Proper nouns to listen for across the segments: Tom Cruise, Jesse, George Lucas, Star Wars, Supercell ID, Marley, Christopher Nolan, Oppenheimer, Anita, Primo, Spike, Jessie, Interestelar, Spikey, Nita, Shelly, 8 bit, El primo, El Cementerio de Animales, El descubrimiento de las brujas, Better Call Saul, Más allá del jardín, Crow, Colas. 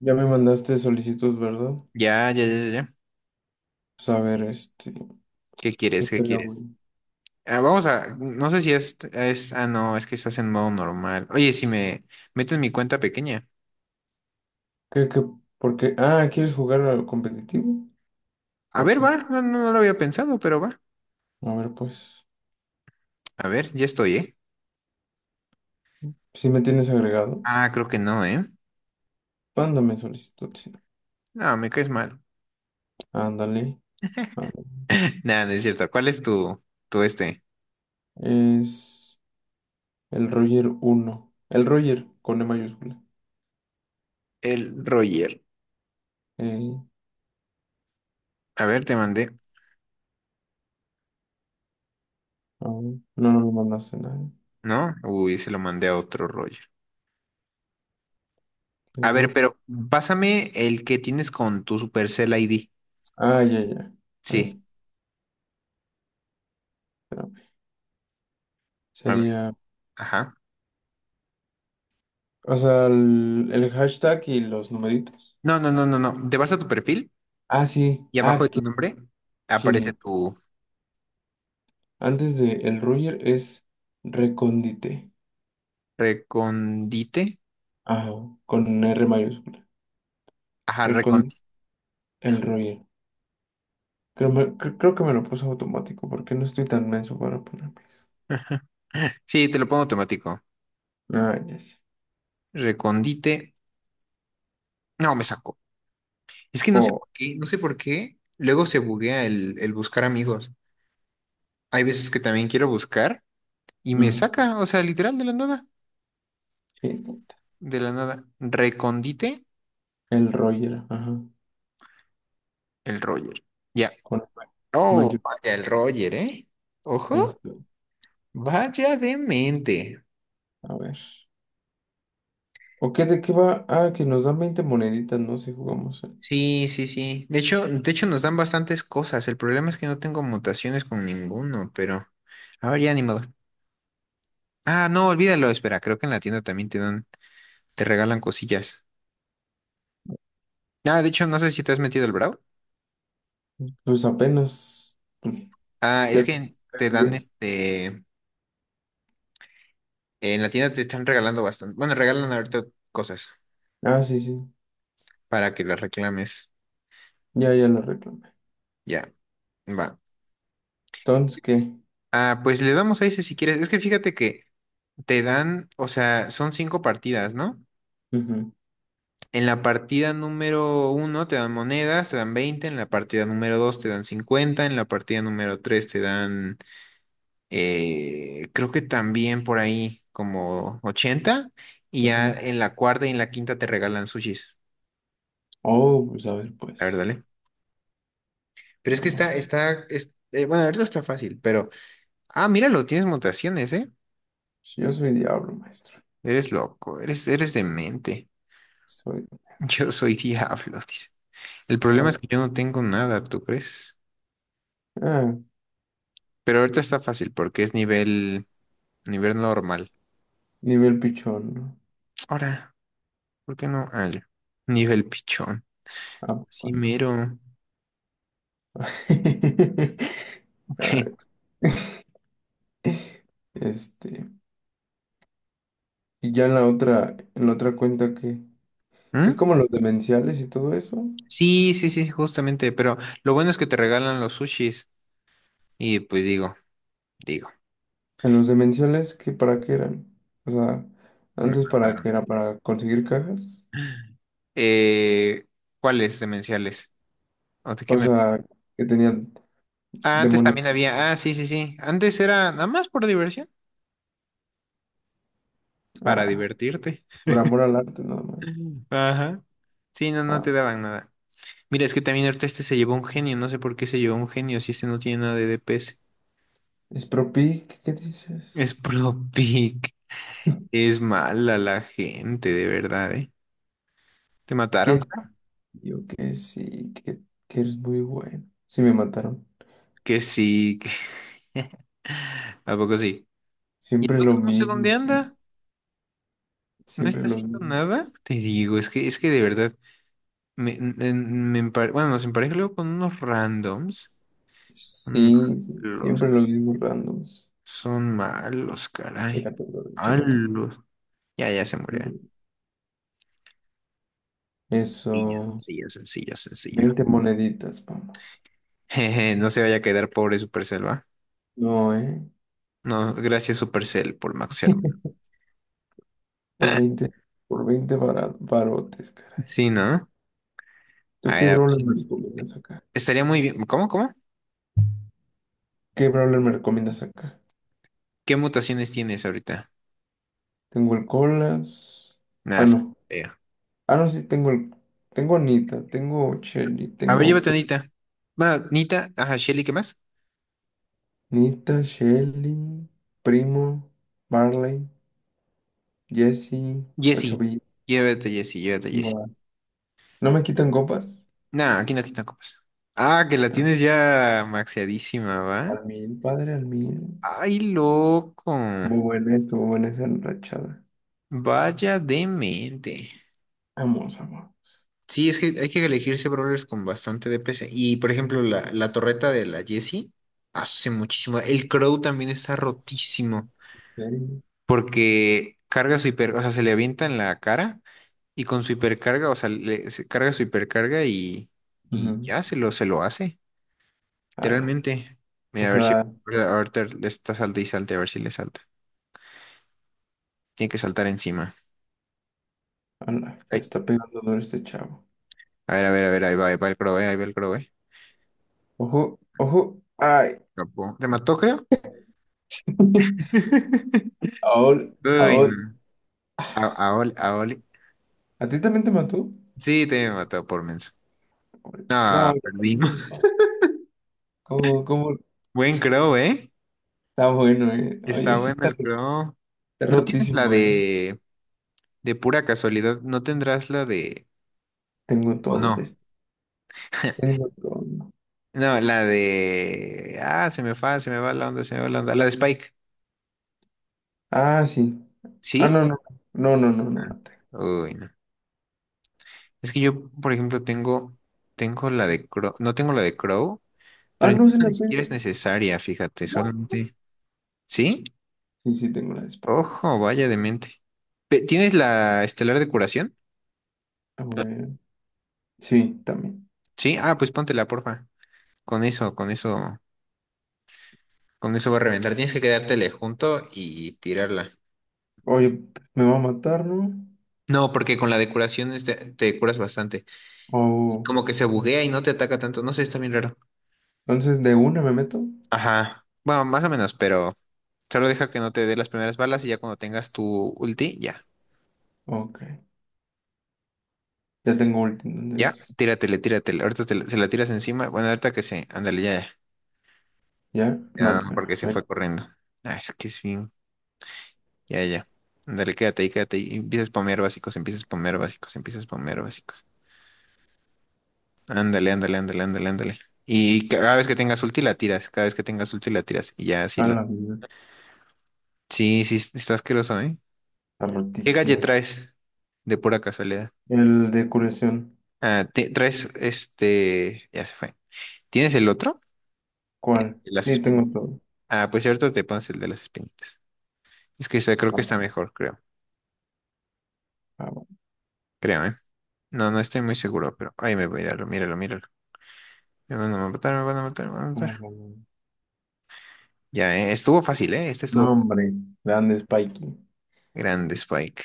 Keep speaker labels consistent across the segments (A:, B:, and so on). A: Ya me mandaste solicitud, ¿verdad?
B: Ya, ya, ya, ya, ya.
A: Pues a ver,
B: ¿Qué
A: ¿qué
B: quieres? ¿Qué
A: estaría
B: quieres?
A: bueno?
B: Ah, no sé si es, no, es que estás en modo normal. Oye, si me meto en mi cuenta pequeña.
A: ¿Qué, qué, por qué? Ah, ¿quieres jugar al competitivo?
B: A ver,
A: Ok,
B: va, no, no, no lo había pensado, pero va.
A: a ver, pues,
B: A ver, ya estoy, ¿eh?
A: si me tienes agregado,
B: Ah, creo que no, ¿eh?
A: mándame solicitud, sí.
B: No, me caes mal.
A: Ándale, ándale.
B: Nada, no es cierto. ¿Cuál es tu este?
A: Es el Roger uno el Roger con E mayúscula.
B: El Roger.
A: Eh,
B: A ver, te mandé,
A: a ver, no, no me mandaste nada.
B: ¿no? Uy, se lo mandé a otro Roger.
A: Qué
B: A ver,
A: guapo.
B: pero pásame el que tienes con tu Supercell ID.
A: Ah, ya, ya. A ver,
B: Sí.
A: espérame.
B: A ver,
A: Sería,
B: ajá.
A: o sea, el hashtag y los numeritos.
B: No, no, no, no, no. ¿Te vas a tu perfil?
A: Ah, sí,
B: Y abajo
A: ah,
B: de tu
A: qué
B: nombre aparece tu
A: antes de el Roger es recóndite.
B: recondite.
A: Ajá, con R mayúscula.
B: Ajá,
A: Recon
B: recondite.
A: El Roger. Creo que me lo puso automático porque no estoy tan menso para ponerlo.
B: Sí, te lo pongo automático.
A: Ah, ya, ya.
B: Recondite. No, me sacó. Es que no sé
A: Oh,
B: por qué, no sé por qué. Luego se buguea el buscar amigos. Hay veces que también quiero buscar y me
A: mm,
B: saca, o sea, literal de la nada.
A: sí,
B: De la nada. Recondite
A: el Roger, ajá.
B: el Roger. Ya.
A: Con
B: Oh,
A: mayúscula.
B: vaya el Roger, ¿eh?
A: Ahí
B: Ojo,
A: está.
B: vaya demente.
A: A ver. ¿O qué de qué va? Ah, que nos dan 20 moneditas, ¿no? Si jugamos.
B: Sí, sí, sí. De hecho nos dan bastantes cosas. El problema es que no tengo mutaciones con ninguno, pero a ver, ya ni modo. Ah, no, olvídalo, espera, creo que en la tienda también te regalan cosillas. Ah, de hecho, no sé si te has metido el Brawl.
A: Pues apenas.
B: Ah, es
A: Pues, ya
B: que
A: tres
B: te dan
A: días.
B: en la tienda te están regalando bastante. Bueno, regalan ahorita cosas
A: Ah, sí, sí.
B: para que las reclames.
A: Ya, ya lo reclamé.
B: Ya, va.
A: Entonces, ¿qué?
B: Ah, pues le damos a ese si quieres. Es que fíjate que te dan, o sea, son cinco partidas, ¿no?
A: Ujú,
B: En la partida número uno te dan monedas, te dan 20. En la partida número 2 te dan 50. En la partida número 3 te dan, creo que también por ahí como 80. Y ya
A: ujú.
B: en la cuarta y en la quinta te regalan sushis.
A: Oh, pues a ver,
B: A ver,
A: pues.
B: dale. Pero es que
A: Vamos.
B: está, bueno, ahorita está fácil, pero, ah, míralo, tienes mutaciones, ¿eh?
A: Yo soy diablo, maestro.
B: Eres loco, eres demente.
A: Soy
B: Yo soy diablo, dice. El problema
A: espada.
B: es que yo no tengo nada, ¿tú crees?
A: Ah,
B: Pero ahorita está fácil porque es nivel. Nivel normal.
A: nivel pichón, ¿no?
B: Ahora, ¿por qué no? Ah, ya. Nivel pichón.
A: Ah,
B: Sí,
A: bueno.
B: mero. Ok.
A: Ah, Este. Y ya en la otra cuenta que. Es
B: ¿Mm?
A: como los demenciales y todo eso.
B: Sí, sí, sí, justamente. Pero lo bueno es que te regalan los sushis. Y pues digo,
A: En los demenciales, ¿qué para qué eran? O sea,
B: me
A: antes para qué
B: mataron.
A: era para conseguir cajas.
B: Eh, ¿Cuáles demenciales? ¿O de qué
A: O
B: me?
A: sea, que tenían
B: Ah, antes
A: demonios.
B: también había. Ah, sí, sí, sí. Antes era nada más por diversión. Para
A: Ah,
B: divertirte.
A: por amor al arte, nada más.
B: Ajá. Sí, no, no te
A: Ah,
B: daban nada. Mira, es que también ahorita este se llevó un genio. No sé por qué se llevó un genio si este no tiene nada de DPS.
A: ¿qué
B: Es
A: dices?
B: puro pic. Es mala la gente, de verdad, ¿eh? ¿Te mataron,
A: Que
B: creo?
A: yo que sí, que eres muy bueno. Sí, me mataron.
B: Que sí. Que. ¿A poco sí? Y el
A: Siempre lo
B: otro no sé
A: mismo,
B: dónde anda. No
A: siempre
B: está
A: los
B: haciendo
A: mismos.
B: nada. Te digo, es que de verdad, bueno, nos empareja luego con unos randoms. Son
A: Sí, sí,
B: malos,
A: siempre los mismos randoms.
B: son malos, caray.
A: Chécate, bro, chécate.
B: Malos. Ya, ya se murió, ¿eh? Sencillo,
A: Eso.
B: sencillo, sencillo, sencillo.
A: 20 moneditas, vamos.
B: Jeje, no se vaya a quedar pobre Supercell, ¿va?
A: No, ¿eh?
B: No, gracias Supercell por Max.
A: Por 20, por veinte barotes, caray.
B: Sí, ¿no?
A: ¿Tú qué
B: A ver
A: brawler
B: si
A: me
B: nos...
A: recomiendas acá?
B: Estaría muy bien. ¿Cómo, cómo?
A: ¿Qué brawler me recomiendas acá?
B: ¿Qué mutaciones tienes ahorita?
A: Tengo el Colas.
B: Nada,
A: Ah,
B: está
A: no.
B: feo.
A: Ah, no, sí, tengo el... Tengo Anita, tengo Shelly,
B: A ver,
A: tengo
B: llévate a Nita. Va, Nita, ajá, Shelly, ¿qué más?
A: Nita, Shelly, Primo, Marley, Jesse, 8
B: Jessie.
A: bit.
B: Llévate, a Jessie, llévate, a Jessie.
A: Buah. No me quitan copas.
B: Nah, aquí no copas. Ah, que la
A: Ah,
B: tienes ya maxeadísima, ¿va?
A: al mil, padre, al mil.
B: Ay, loco.
A: Muy buena, estuvo buena esa enrachada.
B: Vaya demente.
A: Vamos, amor.
B: Sí, es que hay que elegirse brawlers con bastante DPS. Y, por ejemplo, la torreta de la Jessie hace muchísimo. El Crow también está rotísimo.
A: Serio.
B: Porque carga su hiper, o sea, se le avienta en la cara, y con su hipercarga, o sea, se carga su hipercarga y
A: Ujú.
B: ya se lo hace,
A: Ala.
B: literalmente.
A: O
B: Mira, a ver si
A: sea,
B: ahorita le está salte y salte, a ver si le salta. Tiene que saltar encima.
A: ala, ya
B: Ay,
A: está pegando duro este chavo.
B: a ver, a ver, a ver, ahí va el crow, ahí va el crow, eh.
A: Ojo, ojo. Ay.
B: Escapó. ¿Te mató, creo?
A: Aol,
B: Uy, no.
A: Aol.
B: A Oli, a Oli.
A: ¿A ti también te mató?
B: Sí, te mató por menso.
A: Pobrecito.
B: Ah,
A: No, ya
B: perdimos.
A: también. ¿Cómo, cómo?
B: Buen crow, ¿eh?
A: Está bueno, eh. Oye,
B: Está
A: sí,
B: bueno
A: está,
B: el crow.
A: está
B: ¿No tienes la
A: rotísimo, eh.
B: de...? De pura casualidad, ¿no tendrás la de,
A: Tengo
B: o
A: todo de
B: no?
A: este. Tengo todo.
B: No, la de... Ah, se me va la onda, se me va la onda. La de Spike.
A: Ah, sí. Ah,
B: ¿Sí?
A: no, no. No, no, no, no la tengo.
B: Uy, no. Es que yo, por ejemplo, tengo. Tengo la de Crow. No tengo la de Crow,
A: Ah,
B: pero
A: no se
B: incluso
A: la
B: ni
A: tengo.
B: siquiera es necesaria, fíjate,
A: What?
B: solamente. ¿Sí?
A: Sí, sí, tengo la de España.
B: Ojo, vaya de mente. ¿Tienes la estelar de curación?
A: A ver. Sí, también.
B: Sí. Ah, pues póntela, porfa. Con eso, con eso, con eso va a reventar. Tienes que quedártele junto y tirarla.
A: Oye, me va a matar, ¿no?
B: No, porque con la de curación es te curas bastante. Y
A: Oh.
B: como que se buguea y no te ataca tanto. No sé, está bien raro.
A: Entonces, ¿de una me meto?
B: Ajá. Bueno, más o menos, pero solo deja que no te dé las primeras balas y ya cuando tengas tu ulti, ya.
A: Ok. Ya tengo ulti,
B: Ya,
A: entonces.
B: tíratele, tíratele. Ahorita se la tiras encima. Bueno, ahorita que se. Ándale, ya, ya.
A: ¿Ya? No
B: Ya,
A: te
B: no, porque
A: creo.
B: se
A: Ven.
B: fue corriendo. Ah, es que es bien. Ya, ya. Ándale, quédate ahí, quédate ahí. Empiezas a spamear básicos, empiezas a spamear básicos, empiezas a spamear básicos. Ándale, ándale, ándale, ándale, ándale. Y cada vez que tengas ulti la tiras, cada vez que tengas ulti la tiras. Y ya así
A: A
B: lo.
A: la vida.
B: Sí, sí, sí está asqueroso, ¿eh?
A: Está
B: ¿Qué calle
A: rotísimo este.
B: traes? De pura casualidad.
A: El de curación.
B: Ah, traes este. Ya se fue. ¿Tienes el otro? El
A: ¿Cuál?
B: de las
A: Sí, tengo
B: espinitas.
A: todo.
B: Ah, pues cierto, te pones el de las espinitas. Es que ese creo
A: Ah,
B: que
A: va,
B: está mejor, creo.
A: ah, va.
B: Creo, ¿eh? No, no estoy muy seguro, pero, ahí me voy a míralo, míralo, míralo. Me van a matar, me van a matar, me van a
A: Vamos,
B: matar.
A: vamos, vamos.
B: Ya, ¿eh? Estuvo fácil, ¿eh? Este estuvo
A: No, hombre. Grande Spikey.
B: grande, Spike.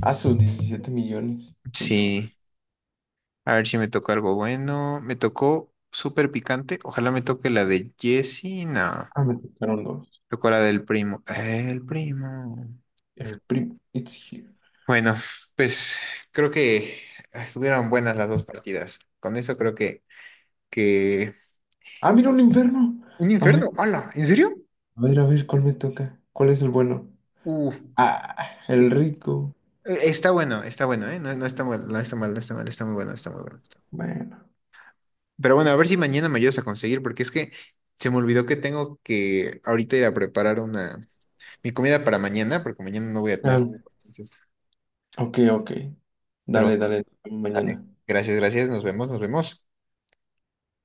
A: Ah, sus 17 millones. Híjole.
B: Sí. A ver si me tocó algo bueno. Me tocó súper picante. Ojalá me toque la de Jesse. No.
A: Ah, me tocaron dos.
B: Tocó la del primo. El primo.
A: El primo It's here.
B: Bueno, pues creo que estuvieron buenas las dos partidas. Con eso creo que...
A: Ah, mira un inferno.
B: ¿Un
A: A ver,
B: infierno? ¡Hala! ¿En serio?
A: a ver, a ver, ¿cuál me toca? ¿Cuál es el bueno?
B: Uf.
A: Ah, el
B: Eh,
A: rico.
B: Está bueno, ¿eh? No, no está mal, no está mal, no está mal, está muy bueno, está muy bueno. Está.
A: Bueno.
B: Pero bueno, a ver si mañana me ayudas a conseguir, porque es que se me olvidó que tengo que ahorita ir a preparar una... mi comida para mañana, porque mañana no voy a tener...
A: Ah,
B: Entonces,
A: ok, ok.
B: pero
A: Dale,
B: bueno,
A: dale,
B: sale.
A: mañana.
B: Gracias, gracias, nos vemos, nos vemos.